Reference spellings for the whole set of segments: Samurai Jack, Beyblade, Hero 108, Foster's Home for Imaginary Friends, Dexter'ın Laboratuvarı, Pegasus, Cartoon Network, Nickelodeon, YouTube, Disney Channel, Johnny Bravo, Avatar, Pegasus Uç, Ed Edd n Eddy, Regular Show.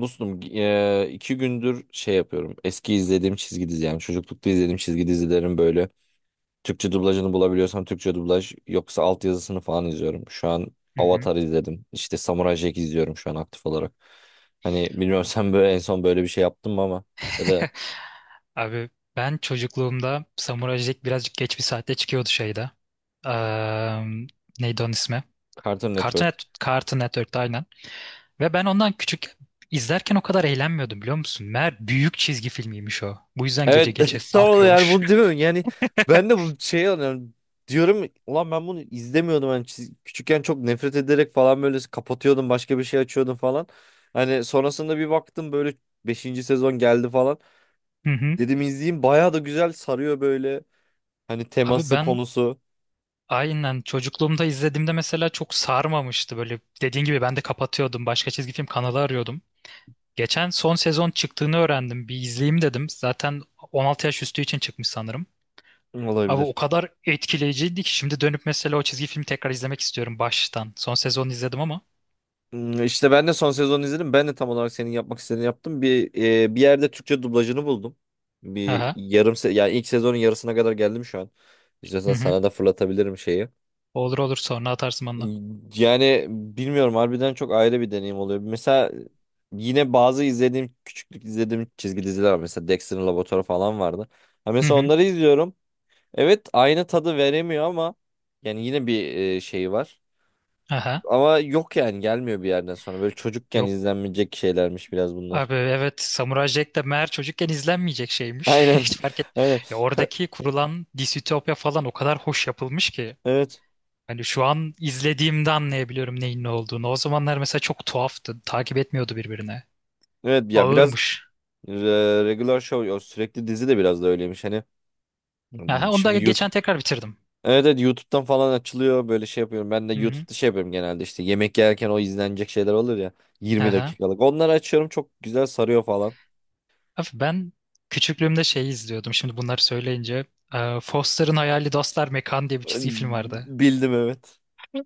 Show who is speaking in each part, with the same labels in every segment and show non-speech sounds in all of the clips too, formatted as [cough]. Speaker 1: Dostum iki gündür şey yapıyorum. Eski izlediğim çizgi dizi, yani çocuklukta izlediğim çizgi dizilerin böyle Türkçe dublajını bulabiliyorsam, Türkçe dublaj yoksa altyazısını falan izliyorum. Şu an
Speaker 2: Hı hı.
Speaker 1: Avatar izledim. İşte Samurai Jack izliyorum şu an aktif olarak. Hani bilmiyorum [laughs] sen böyle en son böyle bir şey yaptın mı, ama ya da
Speaker 2: [laughs] Abi ben çocukluğumda Samurai Jack birazcık geç bir saatte çıkıyordu şeyde. Eee neydi onun ismi?
Speaker 1: Cartoon Network.
Speaker 2: Cartoon Network'te aynen. Ve ben ondan küçük izlerken o kadar eğlenmiyordum biliyor musun? Meğer büyük çizgi filmiymiş o. Bu yüzden gece
Speaker 1: Evet,
Speaker 2: gece
Speaker 1: [laughs] tam olarak yani
Speaker 2: sarkıyormuş.
Speaker 1: bunu demiyorum, yani ben
Speaker 2: [laughs]
Speaker 1: de bu şeyi anlıyorum, diyorum ulan ben bunu izlemiyordum, hani küçükken çok nefret ederek falan böyle kapatıyordum, başka bir şey açıyordum falan, hani sonrasında bir baktım böyle beşinci sezon geldi falan,
Speaker 2: Hı hı.
Speaker 1: dedim izleyeyim, bayağı da güzel sarıyor böyle, hani
Speaker 2: Abi
Speaker 1: teması,
Speaker 2: ben
Speaker 1: konusu.
Speaker 2: aynen çocukluğumda izlediğimde mesela çok sarmamıştı. Böyle dediğin gibi ben de kapatıyordum. Başka çizgi film kanalı arıyordum. Geçen son sezon çıktığını öğrendim. Bir izleyeyim dedim. Zaten 16 yaş üstü için çıkmış sanırım. Abi o
Speaker 1: Olabilir.
Speaker 2: kadar etkileyiciydi ki şimdi dönüp mesela o çizgi filmi tekrar izlemek istiyorum baştan. Son sezonu izledim ama.
Speaker 1: İşte ben de son sezonu izledim. Ben de tam olarak senin yapmak istediğini yaptım. Bir yerde Türkçe dublajını buldum. Bir
Speaker 2: Aha.
Speaker 1: yarım yani ilk sezonun yarısına kadar geldim şu an.
Speaker 2: Hı
Speaker 1: İstiyorsan
Speaker 2: hı.
Speaker 1: sana da fırlatabilirim şeyi.
Speaker 2: Olur olur, sonra atarsın bana.
Speaker 1: Yani bilmiyorum, harbiden çok ayrı bir deneyim oluyor. Mesela yine bazı küçüklük izlediğim çizgi diziler var. Mesela Dexter'ın Laboratuvarı falan vardı. Ha,
Speaker 2: Hı
Speaker 1: mesela
Speaker 2: hı.
Speaker 1: onları izliyorum. Evet, aynı tadı veremiyor ama yani yine bir şey var.
Speaker 2: Aha.
Speaker 1: Ama yok, yani gelmiyor bir yerden sonra. Böyle çocukken
Speaker 2: Yok
Speaker 1: izlenmeyecek şeylermiş biraz bunlar.
Speaker 2: abi, evet, Samurai Jack de meğer çocukken izlenmeyecek
Speaker 1: [laughs]
Speaker 2: şeymiş. [laughs]
Speaker 1: Aynen.
Speaker 2: Hiç fark et.
Speaker 1: Aynen.
Speaker 2: Ya
Speaker 1: Ka-
Speaker 2: oradaki kurulan distopya falan o kadar hoş yapılmış ki.
Speaker 1: evet.
Speaker 2: Hani şu an izlediğimde anlayabiliyorum neyin ne olduğunu. O zamanlar mesela çok tuhaftı. Takip etmiyordu birbirine.
Speaker 1: Evet ya, biraz
Speaker 2: Ağırmış.
Speaker 1: e, regular show, o sürekli dizi de biraz da öyleymiş. Hani
Speaker 2: Aha, onu
Speaker 1: şimdi
Speaker 2: da geçen
Speaker 1: YouTube.
Speaker 2: tekrar bitirdim.
Speaker 1: Evet, evet, YouTube'dan falan açılıyor, böyle şey yapıyorum. Ben de
Speaker 2: Hı hı.
Speaker 1: YouTube'da şey yapıyorum genelde, işte yemek yerken o izlenecek şeyler olur ya, 20
Speaker 2: Aha.
Speaker 1: dakikalık. Onları açıyorum, çok güzel sarıyor falan.
Speaker 2: Abi ben küçüklüğümde şeyi izliyordum. Şimdi bunları söyleyince. Foster'ın Hayali Dostlar Mekan diye bir
Speaker 1: E,
Speaker 2: çizgi film vardı.
Speaker 1: Bildim, evet.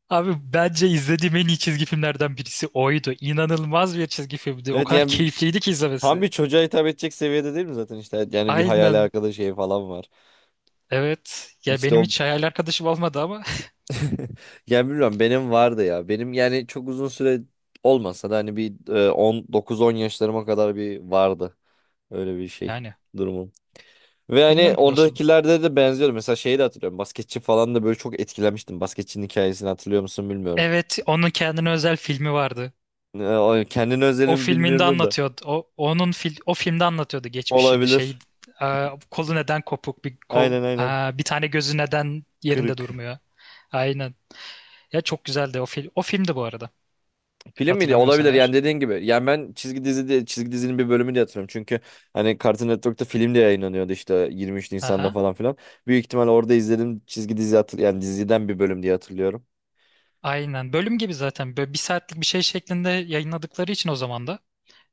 Speaker 2: Abi bence izlediğim en iyi çizgi filmlerden birisi oydu. İnanılmaz bir çizgi filmdi. O
Speaker 1: Evet,
Speaker 2: kadar [laughs]
Speaker 1: yani
Speaker 2: keyifliydi ki
Speaker 1: tam
Speaker 2: izlemesi.
Speaker 1: bir çocuğa hitap edecek seviyede değil mi zaten, işte. Evet, yani bir hayali
Speaker 2: Aynen.
Speaker 1: arkadaş şeyi falan var.
Speaker 2: Evet. Ya
Speaker 1: İşte
Speaker 2: benim
Speaker 1: o.
Speaker 2: hiç hayal arkadaşım olmadı ama
Speaker 1: [laughs] Ya bilmiyorum, benim vardı ya. Benim yani çok uzun süre olmasa da, hani bir 19 10 yaşlarıma kadar bir vardı. Öyle bir
Speaker 2: [laughs]
Speaker 1: şey
Speaker 2: yani
Speaker 1: durumum. Ve hani
Speaker 2: bilmiyorum ki dostum.
Speaker 1: oradakilerde de benziyordu. Mesela şeyi de hatırlıyorum. Basketçi falan da böyle çok etkilenmiştim. Basketçinin hikayesini hatırlıyor musun, bilmiyorum.
Speaker 2: Evet, onun kendine özel filmi vardı.
Speaker 1: Kendine
Speaker 2: O
Speaker 1: özelimi
Speaker 2: filminde
Speaker 1: bilmiyorum da.
Speaker 2: anlatıyordu. O filmde anlatıyordu geçmişini. Şey,
Speaker 1: Olabilir.
Speaker 2: kolu neden kopuk, bir kol,
Speaker 1: Aynen, aynen.
Speaker 2: bir tane gözü neden yerinde
Speaker 1: Kırık.
Speaker 2: durmuyor. Aynen. Ya çok güzeldi o film. O filmdi bu arada.
Speaker 1: Film miydi?
Speaker 2: Hatırlamıyorsan
Speaker 1: Olabilir yani,
Speaker 2: eğer.
Speaker 1: dediğin gibi. Yani ben çizgi dizi çizgi dizinin bir bölümünü de hatırlıyorum. Çünkü hani Cartoon Network'ta film de yayınlanıyordu, işte 23 Nisan'da
Speaker 2: Aha.
Speaker 1: falan filan. Büyük ihtimal orada izledim, çizgi dizi yani diziden bir bölüm diye hatırlıyorum.
Speaker 2: Aynen. Bölüm gibi zaten. Böyle bir saatlik bir şey şeklinde yayınladıkları için o zaman da.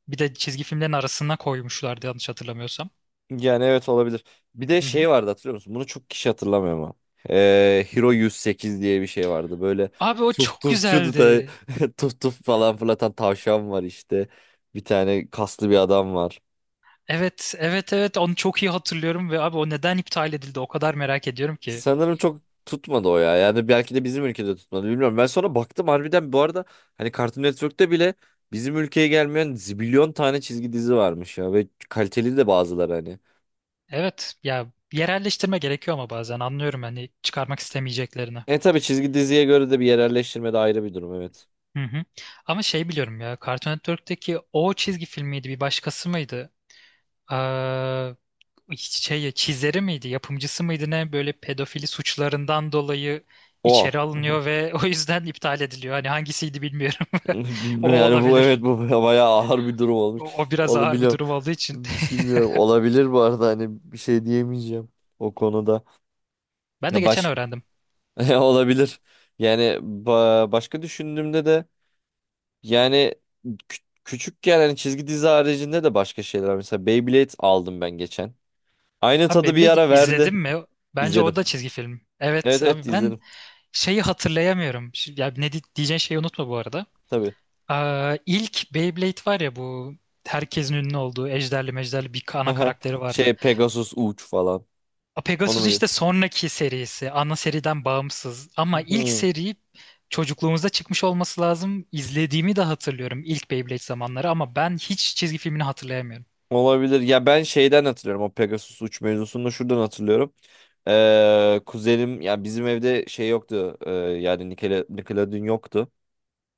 Speaker 2: Bir de çizgi filmlerin arasına koymuşlardı yanlış hatırlamıyorsam.
Speaker 1: Yani evet, olabilir. Bir de
Speaker 2: Hı hı.
Speaker 1: şey vardı, hatırlıyor musun? Bunu çok kişi hatırlamıyor ama. Hero 108 diye bir şey vardı. Böyle
Speaker 2: Abi o
Speaker 1: tuf
Speaker 2: çok
Speaker 1: tufçu da
Speaker 2: güzeldi.
Speaker 1: [laughs] tuf tuf falan fırlatan tavşan var işte. Bir tane kaslı bir adam var.
Speaker 2: Evet, evet, evet. Onu çok iyi hatırlıyorum ve abi o neden iptal edildi o kadar merak ediyorum ki.
Speaker 1: Sanırım çok tutmadı o ya. Yani belki de bizim ülkede tutmadı, bilmiyorum. Ben sonra baktım harbiden, bu arada, hani Cartoon Network'te bile bizim ülkeye gelmeyen zibilyon tane çizgi dizi varmış ya, ve kaliteli de bazıları, hani.
Speaker 2: Evet, ya yerelleştirme gerekiyor ama bazen anlıyorum hani çıkarmak istemeyeceklerini.
Speaker 1: Tabii çizgi diziye göre de bir yerelleştirme de ayrı bir durum, evet.
Speaker 2: Hı hı. Ama şey biliyorum ya, Cartoon Network'teki o çizgi filmiydi bir başkası mıydı? Ee, şey çizeri miydi, yapımcısı mıydı ne, böyle pedofili suçlarından dolayı
Speaker 1: O.
Speaker 2: içeri
Speaker 1: [laughs]
Speaker 2: alınıyor ve [laughs] o yüzden iptal ediliyor. Hani hangisiydi bilmiyorum. [laughs] O
Speaker 1: Bilmiyorum yani, bu evet,
Speaker 2: olabilir.
Speaker 1: bu [laughs] bayağı ağır bir durum olmuş.
Speaker 2: O, o biraz ağır bir
Speaker 1: Olabilir.
Speaker 2: durum olduğu için. [laughs]
Speaker 1: Bilmiyorum. Olabilir bu arada, hani bir şey diyemeyeceğim o konuda.
Speaker 2: Ben de
Speaker 1: Ya
Speaker 2: geçen öğrendim.
Speaker 1: [laughs] olabilir. Yani başka düşündüğümde de. Yani kü- küçükken hani çizgi dizi haricinde de başka şeyler var. Mesela Beyblade aldım ben geçen. Aynı
Speaker 2: Abi
Speaker 1: tadı bir
Speaker 2: Beyblade'i
Speaker 1: ara verdi.
Speaker 2: izledim mi? Bence o da
Speaker 1: İzledim.
Speaker 2: çizgi film. Evet
Speaker 1: Evet, evet,
Speaker 2: abi
Speaker 1: izledim.
Speaker 2: ben şeyi hatırlayamıyorum. Ya ne diyeceğin şeyi unutma bu arada.
Speaker 1: Tabii.
Speaker 2: Aa, ilk Beyblade var ya, bu herkesin ünlü olduğu ejderli mejderli bir ana
Speaker 1: [laughs]
Speaker 2: karakteri vardı.
Speaker 1: Şey, Pegasus Uç falan. Onu
Speaker 2: Pegasus
Speaker 1: mu
Speaker 2: işte
Speaker 1: diyorsun?
Speaker 2: sonraki serisi. Ana seriden bağımsız. Ama ilk
Speaker 1: Hmm,
Speaker 2: seri çocukluğumuzda çıkmış olması lazım. İzlediğimi de hatırlıyorum ilk Beyblade zamanları ama ben hiç çizgi filmini hatırlayamıyorum.
Speaker 1: olabilir. Ya ben şeyden hatırlıyorum. O Pegasus Uç mevzusunu da şuradan hatırlıyorum. Kuzenim, yani bizim evde şey yoktu. Yani Nickelodeon yoktu.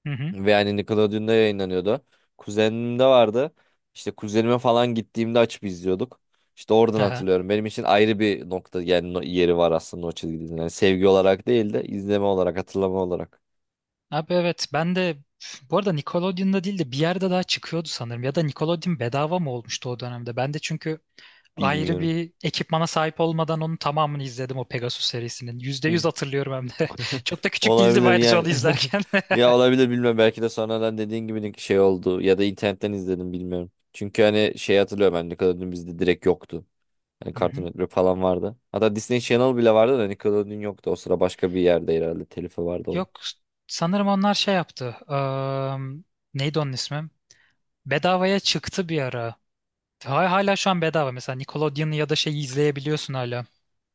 Speaker 2: Hı hı.
Speaker 1: Ve yani Nickelodeon'da yayınlanıyordu. Kuzenimde vardı. İşte kuzenime falan gittiğimde açıp izliyorduk. İşte oradan
Speaker 2: Aha.
Speaker 1: hatırlıyorum. Benim için ayrı bir nokta, yani yeri var aslında o çizgi. Yani sevgi olarak değil de izleme olarak, hatırlama olarak.
Speaker 2: Abi evet, ben de bu arada Nickelodeon'da değil de bir yerde daha çıkıyordu sanırım. Ya da Nickelodeon bedava mı olmuştu o dönemde? Ben de çünkü ayrı
Speaker 1: Bilmiyorum.
Speaker 2: bir ekipmana sahip olmadan onun tamamını izledim o Pegasus serisinin. yüzde
Speaker 1: Hı.
Speaker 2: yüz hatırlıyorum hem de. [laughs] Çok da küçük değildim
Speaker 1: Olabilir
Speaker 2: ayrıca
Speaker 1: yani.
Speaker 2: onu izlerken. [laughs]
Speaker 1: [laughs] Ya olabilir, bilmiyorum. Belki de sonradan dediğin gibi şey oldu. Ya da internetten izledim, bilmiyorum. Çünkü hani şey hatırlıyorum, ben Nickelodeon bizde direkt yoktu. Hani
Speaker 2: Hı
Speaker 1: Cartoon
Speaker 2: hı.
Speaker 1: Network falan vardı. Hatta Disney Channel bile vardı da Nickelodeon yoktu. O sıra başka bir yerde herhalde telifi vardı.
Speaker 2: Yok sanırım onlar şey yaptı. Neydi onun ismi? Bedavaya çıktı bir ara. Hala şu an bedava. Mesela Nickelodeon ya da şeyi izleyebiliyorsun hala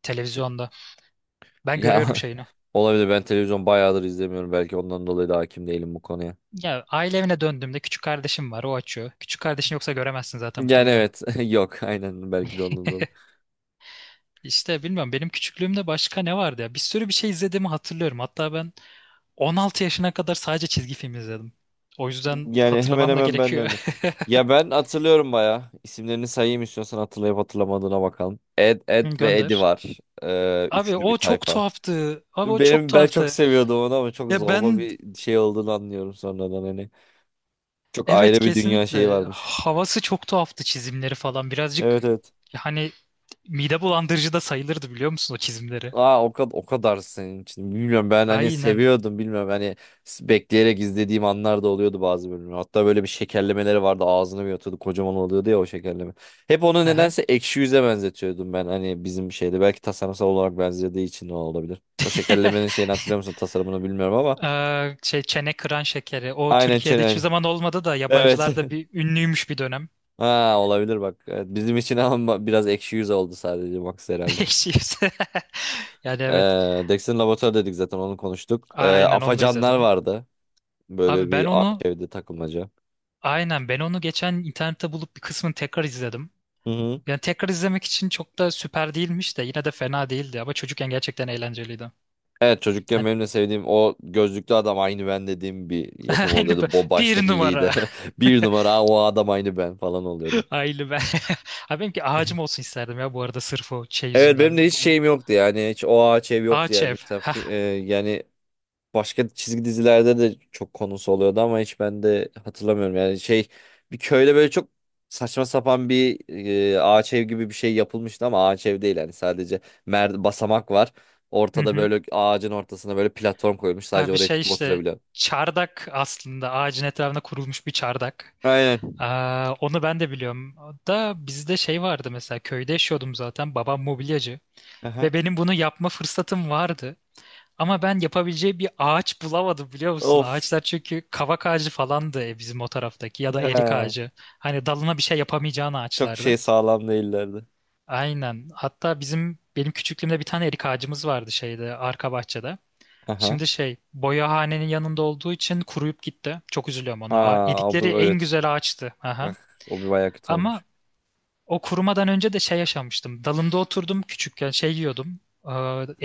Speaker 2: televizyonda. Ben
Speaker 1: Ya
Speaker 2: görüyorum
Speaker 1: [laughs]
Speaker 2: şeyini.
Speaker 1: olabilir, ben televizyon bayağıdır izlemiyorum. Belki ondan dolayı da hakim değilim bu konuya.
Speaker 2: Ya aile evine döndüğümde küçük kardeşim var, o açıyor. Küçük kardeşin yoksa göremezsin zaten
Speaker 1: Yani
Speaker 2: muhtemelen.
Speaker 1: evet, [laughs] yok aynen, belki de ondan dolayı.
Speaker 2: İşte bilmiyorum benim küçüklüğümde başka ne vardı ya. Bir sürü bir şey izlediğimi hatırlıyorum. Hatta ben 16 yaşına kadar sadece çizgi film izledim. O yüzden
Speaker 1: Yani hemen
Speaker 2: hatırlamam da
Speaker 1: hemen ben de
Speaker 2: gerekiyor.
Speaker 1: öyle. Ya ben hatırlıyorum bayağı. İsimlerini sayayım istiyorsan, hatırlayıp hatırlamadığına bakalım. Ed, Ed
Speaker 2: [laughs]
Speaker 1: ve Eddie
Speaker 2: Gönder.
Speaker 1: var.
Speaker 2: Abi
Speaker 1: Üçlü bir
Speaker 2: o çok
Speaker 1: tayfa.
Speaker 2: tuhaftı. Abi o çok
Speaker 1: Ben çok
Speaker 2: tuhaftı.
Speaker 1: seviyordum onu ama çok
Speaker 2: Ya
Speaker 1: zorba
Speaker 2: ben,
Speaker 1: bir şey olduğunu anlıyorum sonradan, hani. Çok
Speaker 2: evet,
Speaker 1: ayrı bir dünya şeyi
Speaker 2: kesinlikle
Speaker 1: varmış.
Speaker 2: havası çok tuhaftı, çizimleri falan.
Speaker 1: Evet,
Speaker 2: Birazcık
Speaker 1: evet.
Speaker 2: hani mide bulandırıcı da sayılırdı biliyor musun o çizimleri?
Speaker 1: Aa, o kadar, o kadar senin için. Bilmiyorum, ben hani
Speaker 2: Aynen.
Speaker 1: seviyordum, bilmiyorum, hani bekleyerek izlediğim anlar da oluyordu bazı bölümler. Hatta böyle bir şekerlemeleri vardı, ağzını bir atıyordu kocaman oluyordu ya o şekerleme. Hep onu
Speaker 2: Aha.
Speaker 1: nedense ekşi yüze benzetiyordum ben, hani bizim şeyde belki tasarımsal olarak benzediği için o olabilir. O şekerlemenin
Speaker 2: [laughs]
Speaker 1: şeyini hatırlıyor musun, tasarımını bilmiyorum ama,
Speaker 2: Şey çene kıran şekeri. O
Speaker 1: aynen
Speaker 2: Türkiye'de hiçbir
Speaker 1: çenen.
Speaker 2: zaman olmadı da
Speaker 1: Evet.
Speaker 2: yabancılarda bir
Speaker 1: [laughs]
Speaker 2: ünlüymüş bir dönem.
Speaker 1: Ha, olabilir bak. Evet, bizim için ama biraz ekşi yüz oldu sadece Max
Speaker 2: [laughs]
Speaker 1: herhalde.
Speaker 2: Eşiyse. Yani evet.
Speaker 1: Dex'in laboratuvarı dedik, zaten onu konuştuk.
Speaker 2: Aynen, onu da
Speaker 1: Afacanlar
Speaker 2: izledim.
Speaker 1: vardı.
Speaker 2: Abi
Speaker 1: Böyle
Speaker 2: ben
Speaker 1: bir
Speaker 2: onu
Speaker 1: evde takılmaca.
Speaker 2: aynen ben onu geçen internette bulup bir kısmını tekrar izledim.
Speaker 1: Hı hı.
Speaker 2: Yani tekrar izlemek için çok da süper değilmiş de yine de fena değildi ama çocukken gerçekten eğlenceliydi.
Speaker 1: Evet, çocukken
Speaker 2: Hani-
Speaker 1: benim de sevdiğim o gözlüklü adam aynı ben dediğim bir yapım
Speaker 2: [laughs] Aynı bu-
Speaker 1: oluyordu. O
Speaker 2: bir
Speaker 1: baştaki
Speaker 2: numara
Speaker 1: lider. [laughs] Bir numara. "Aa, o adam aynı ben" falan oluyordum.
Speaker 2: [laughs] aile ben. [laughs] Abi benimki ağacım olsun isterdim ya bu arada sırf o şey
Speaker 1: Evet, benim
Speaker 2: yüzünden.
Speaker 1: de hiç
Speaker 2: Bu
Speaker 1: şeyim yoktu yani. Hiç o ağaç ev yoktu
Speaker 2: ağaç
Speaker 1: yani.
Speaker 2: ev.
Speaker 1: Mesela
Speaker 2: Hah.
Speaker 1: yani başka çizgi dizilerde de çok konusu oluyordu ama hiç ben de hatırlamıyorum. Yani şey, bir köyde böyle çok saçma sapan bir ağaç ev gibi bir şey yapılmıştı ama ağaç ev değil yani, sadece basamak var.
Speaker 2: Hı
Speaker 1: Ortada
Speaker 2: hı.
Speaker 1: böyle ağacın ortasına böyle platform koyulmuş, sadece
Speaker 2: Abi
Speaker 1: oraya
Speaker 2: şey
Speaker 1: çıkıp
Speaker 2: işte
Speaker 1: oturabiliyor.
Speaker 2: çardak, aslında ağacın etrafına kurulmuş bir çardak.
Speaker 1: Aynen.
Speaker 2: Aa, onu ben de biliyorum. Da bizde şey vardı, mesela köyde yaşıyordum, zaten babam mobilyacı
Speaker 1: Aha.
Speaker 2: ve benim bunu yapma fırsatım vardı. Ama ben yapabileceği bir ağaç bulamadım biliyor musun?
Speaker 1: Of.
Speaker 2: Ağaçlar çünkü kavak ağacı falandı bizim o taraftaki, ya da erik
Speaker 1: Ha.
Speaker 2: ağacı. Hani dalına bir şey yapamayacağın
Speaker 1: Çok şey
Speaker 2: ağaçlardı.
Speaker 1: sağlam değillerdi.
Speaker 2: Aynen. Hatta bizim, benim küçüklüğümde bir tane erik ağacımız vardı şeyde, arka bahçede.
Speaker 1: Aha.
Speaker 2: Şimdi şey boyahanenin yanında olduğu için kuruyup gitti. Çok üzülüyorum ona.
Speaker 1: Ha, o
Speaker 2: Erikleri
Speaker 1: bu,
Speaker 2: en
Speaker 1: evet.
Speaker 2: güzel ağaçtı. Aha.
Speaker 1: Bak, o bir bayağı kötü
Speaker 2: Ama
Speaker 1: olmuş.
Speaker 2: o kurumadan önce de şey yaşamıştım. Dalında oturdum küçükken, şey yiyordum. Ee,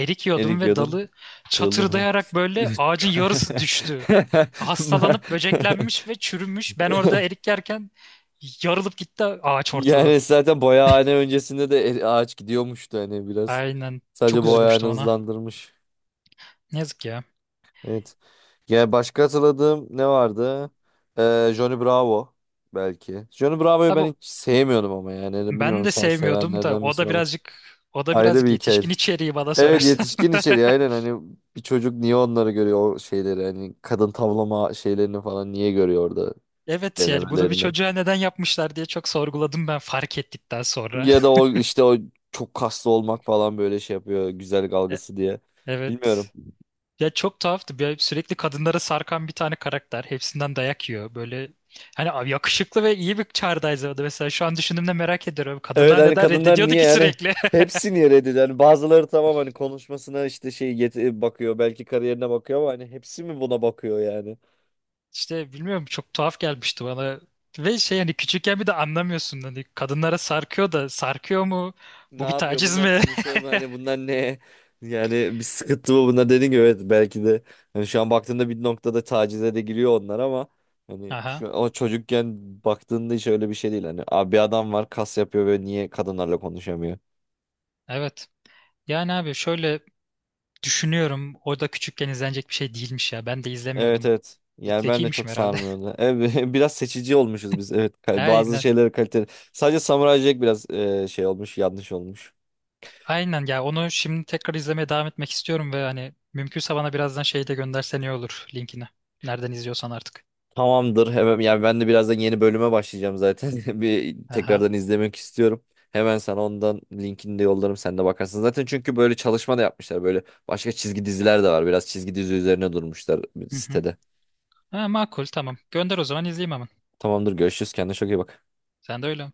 Speaker 2: Erik yiyordum
Speaker 1: Erik
Speaker 2: ve
Speaker 1: yodun
Speaker 2: dalı
Speaker 1: kırıldı mı?
Speaker 2: çatırdayarak böyle ağacın yarısı
Speaker 1: [laughs]
Speaker 2: düştü. Hastalanıp böceklenmiş ve çürümüş. Ben orada erik yerken yarılıp gitti ağaç ortadan.
Speaker 1: Yani zaten boyahane öncesinde de ağaç gidiyormuştu hani, biraz.
Speaker 2: Aynen.
Speaker 1: Sadece
Speaker 2: Çok
Speaker 1: boyahane
Speaker 2: üzülmüştüm ona.
Speaker 1: hızlandırmış.
Speaker 2: Ne yazık ya.
Speaker 1: Evet. Yani başka hatırladığım ne vardı? Johnny Bravo belki. Johnny Bravo'yu
Speaker 2: Abi
Speaker 1: ben hiç sevmiyordum ama, yani. Hani
Speaker 2: ben
Speaker 1: bilmiyorum,
Speaker 2: de
Speaker 1: sen
Speaker 2: sevmiyordum da
Speaker 1: sevenlerden
Speaker 2: o
Speaker 1: misin
Speaker 2: da
Speaker 1: ama.
Speaker 2: birazcık o da
Speaker 1: Ayrı
Speaker 2: birazcık
Speaker 1: bir hikayeydi.
Speaker 2: yetişkin içeriği bana
Speaker 1: Evet,
Speaker 2: sorarsan.
Speaker 1: yetişkin içeriği aynen,
Speaker 2: [laughs]
Speaker 1: hani bir çocuk niye onları görüyor, o şeyleri, hani kadın tavlama şeylerini falan niye görüyor orada,
Speaker 2: Evet yani bunu bir
Speaker 1: denemelerini.
Speaker 2: çocuğa neden yapmışlar diye çok sorguladım ben fark ettikten sonra.
Speaker 1: Ya da o işte o çok kaslı olmak falan, böyle şey yapıyor, güzellik
Speaker 2: [laughs] E-
Speaker 1: algısı diye. Bilmiyorum.
Speaker 2: Evet. Ya çok tuhaftı. Sürekli kadınlara sarkan bir tane karakter. Hepsinden dayak yiyor. Böyle hani abi yakışıklı ve iyi bir çağrıdayız orada. Mesela şu an düşündüğümde merak ediyorum.
Speaker 1: Evet,
Speaker 2: Kadınlar
Speaker 1: hani
Speaker 2: neden
Speaker 1: kadınlar
Speaker 2: reddediyordu
Speaker 1: niye
Speaker 2: ki
Speaker 1: yani
Speaker 2: sürekli?
Speaker 1: hepsini reddediyor? Yani bazıları tamam, hani konuşmasına işte şey bakıyor, belki kariyerine bakıyor, ama hani hepsi mi buna bakıyor yani?
Speaker 2: [laughs] İşte bilmiyorum, çok tuhaf gelmişti bana. Ve şey hani küçükken bir de anlamıyorsun. Hani kadınlara sarkıyor da sarkıyor mu?
Speaker 1: Ne
Speaker 2: Bu bir
Speaker 1: yapıyor
Speaker 2: taciz
Speaker 1: bunlar,
Speaker 2: mi?
Speaker 1: konuşuyor mu, hani bunlar ne? Yani bir sıkıntı mı bunlar, dediğin gibi, evet, belki de hani şu an baktığında bir noktada tacize de giriyor onlar, ama
Speaker 2: [laughs]
Speaker 1: hani
Speaker 2: Aha,
Speaker 1: şu, o çocukken baktığında hiç öyle bir şey değil, hani abi bir adam var, kas yapıyor ve niye kadınlarla konuşamıyor?
Speaker 2: evet. Yani abi şöyle düşünüyorum. O da küçükken izlenecek bir şey değilmiş ya. Ben de
Speaker 1: Evet,
Speaker 2: izlemiyordum.
Speaker 1: evet. Yani ben de çok
Speaker 2: Zekiymişim herhalde.
Speaker 1: sarmıyordu. Evet, [laughs] biraz seçici olmuşuz biz. Evet,
Speaker 2: [laughs]
Speaker 1: bazı
Speaker 2: Aynen.
Speaker 1: şeyleri kaliteli. Sadece Samuray Jack biraz şey olmuş, yanlış olmuş.
Speaker 2: Aynen ya, onu şimdi tekrar izlemeye devam etmek istiyorum ve hani mümkünse bana birazdan şeyi de göndersen iyi olur, linkini. Nereden izliyorsan artık.
Speaker 1: Tamamdır. Hemen, yani ben de birazdan yeni bölüme başlayacağım zaten. [laughs] Bir
Speaker 2: Aha.
Speaker 1: tekrardan izlemek istiyorum. Hemen sana ondan linkini de yollarım. Sen de bakarsın. Zaten çünkü böyle çalışma da yapmışlar. Böyle başka çizgi diziler de var. Biraz çizgi dizi üzerine durmuşlar
Speaker 2: Hı hı.
Speaker 1: sitede.
Speaker 2: Ha, makul, tamam. Gönder o zaman, izleyeyim hemen.
Speaker 1: Tamamdır. Görüşürüz. Kendine çok iyi bak.
Speaker 2: Sen de öyle.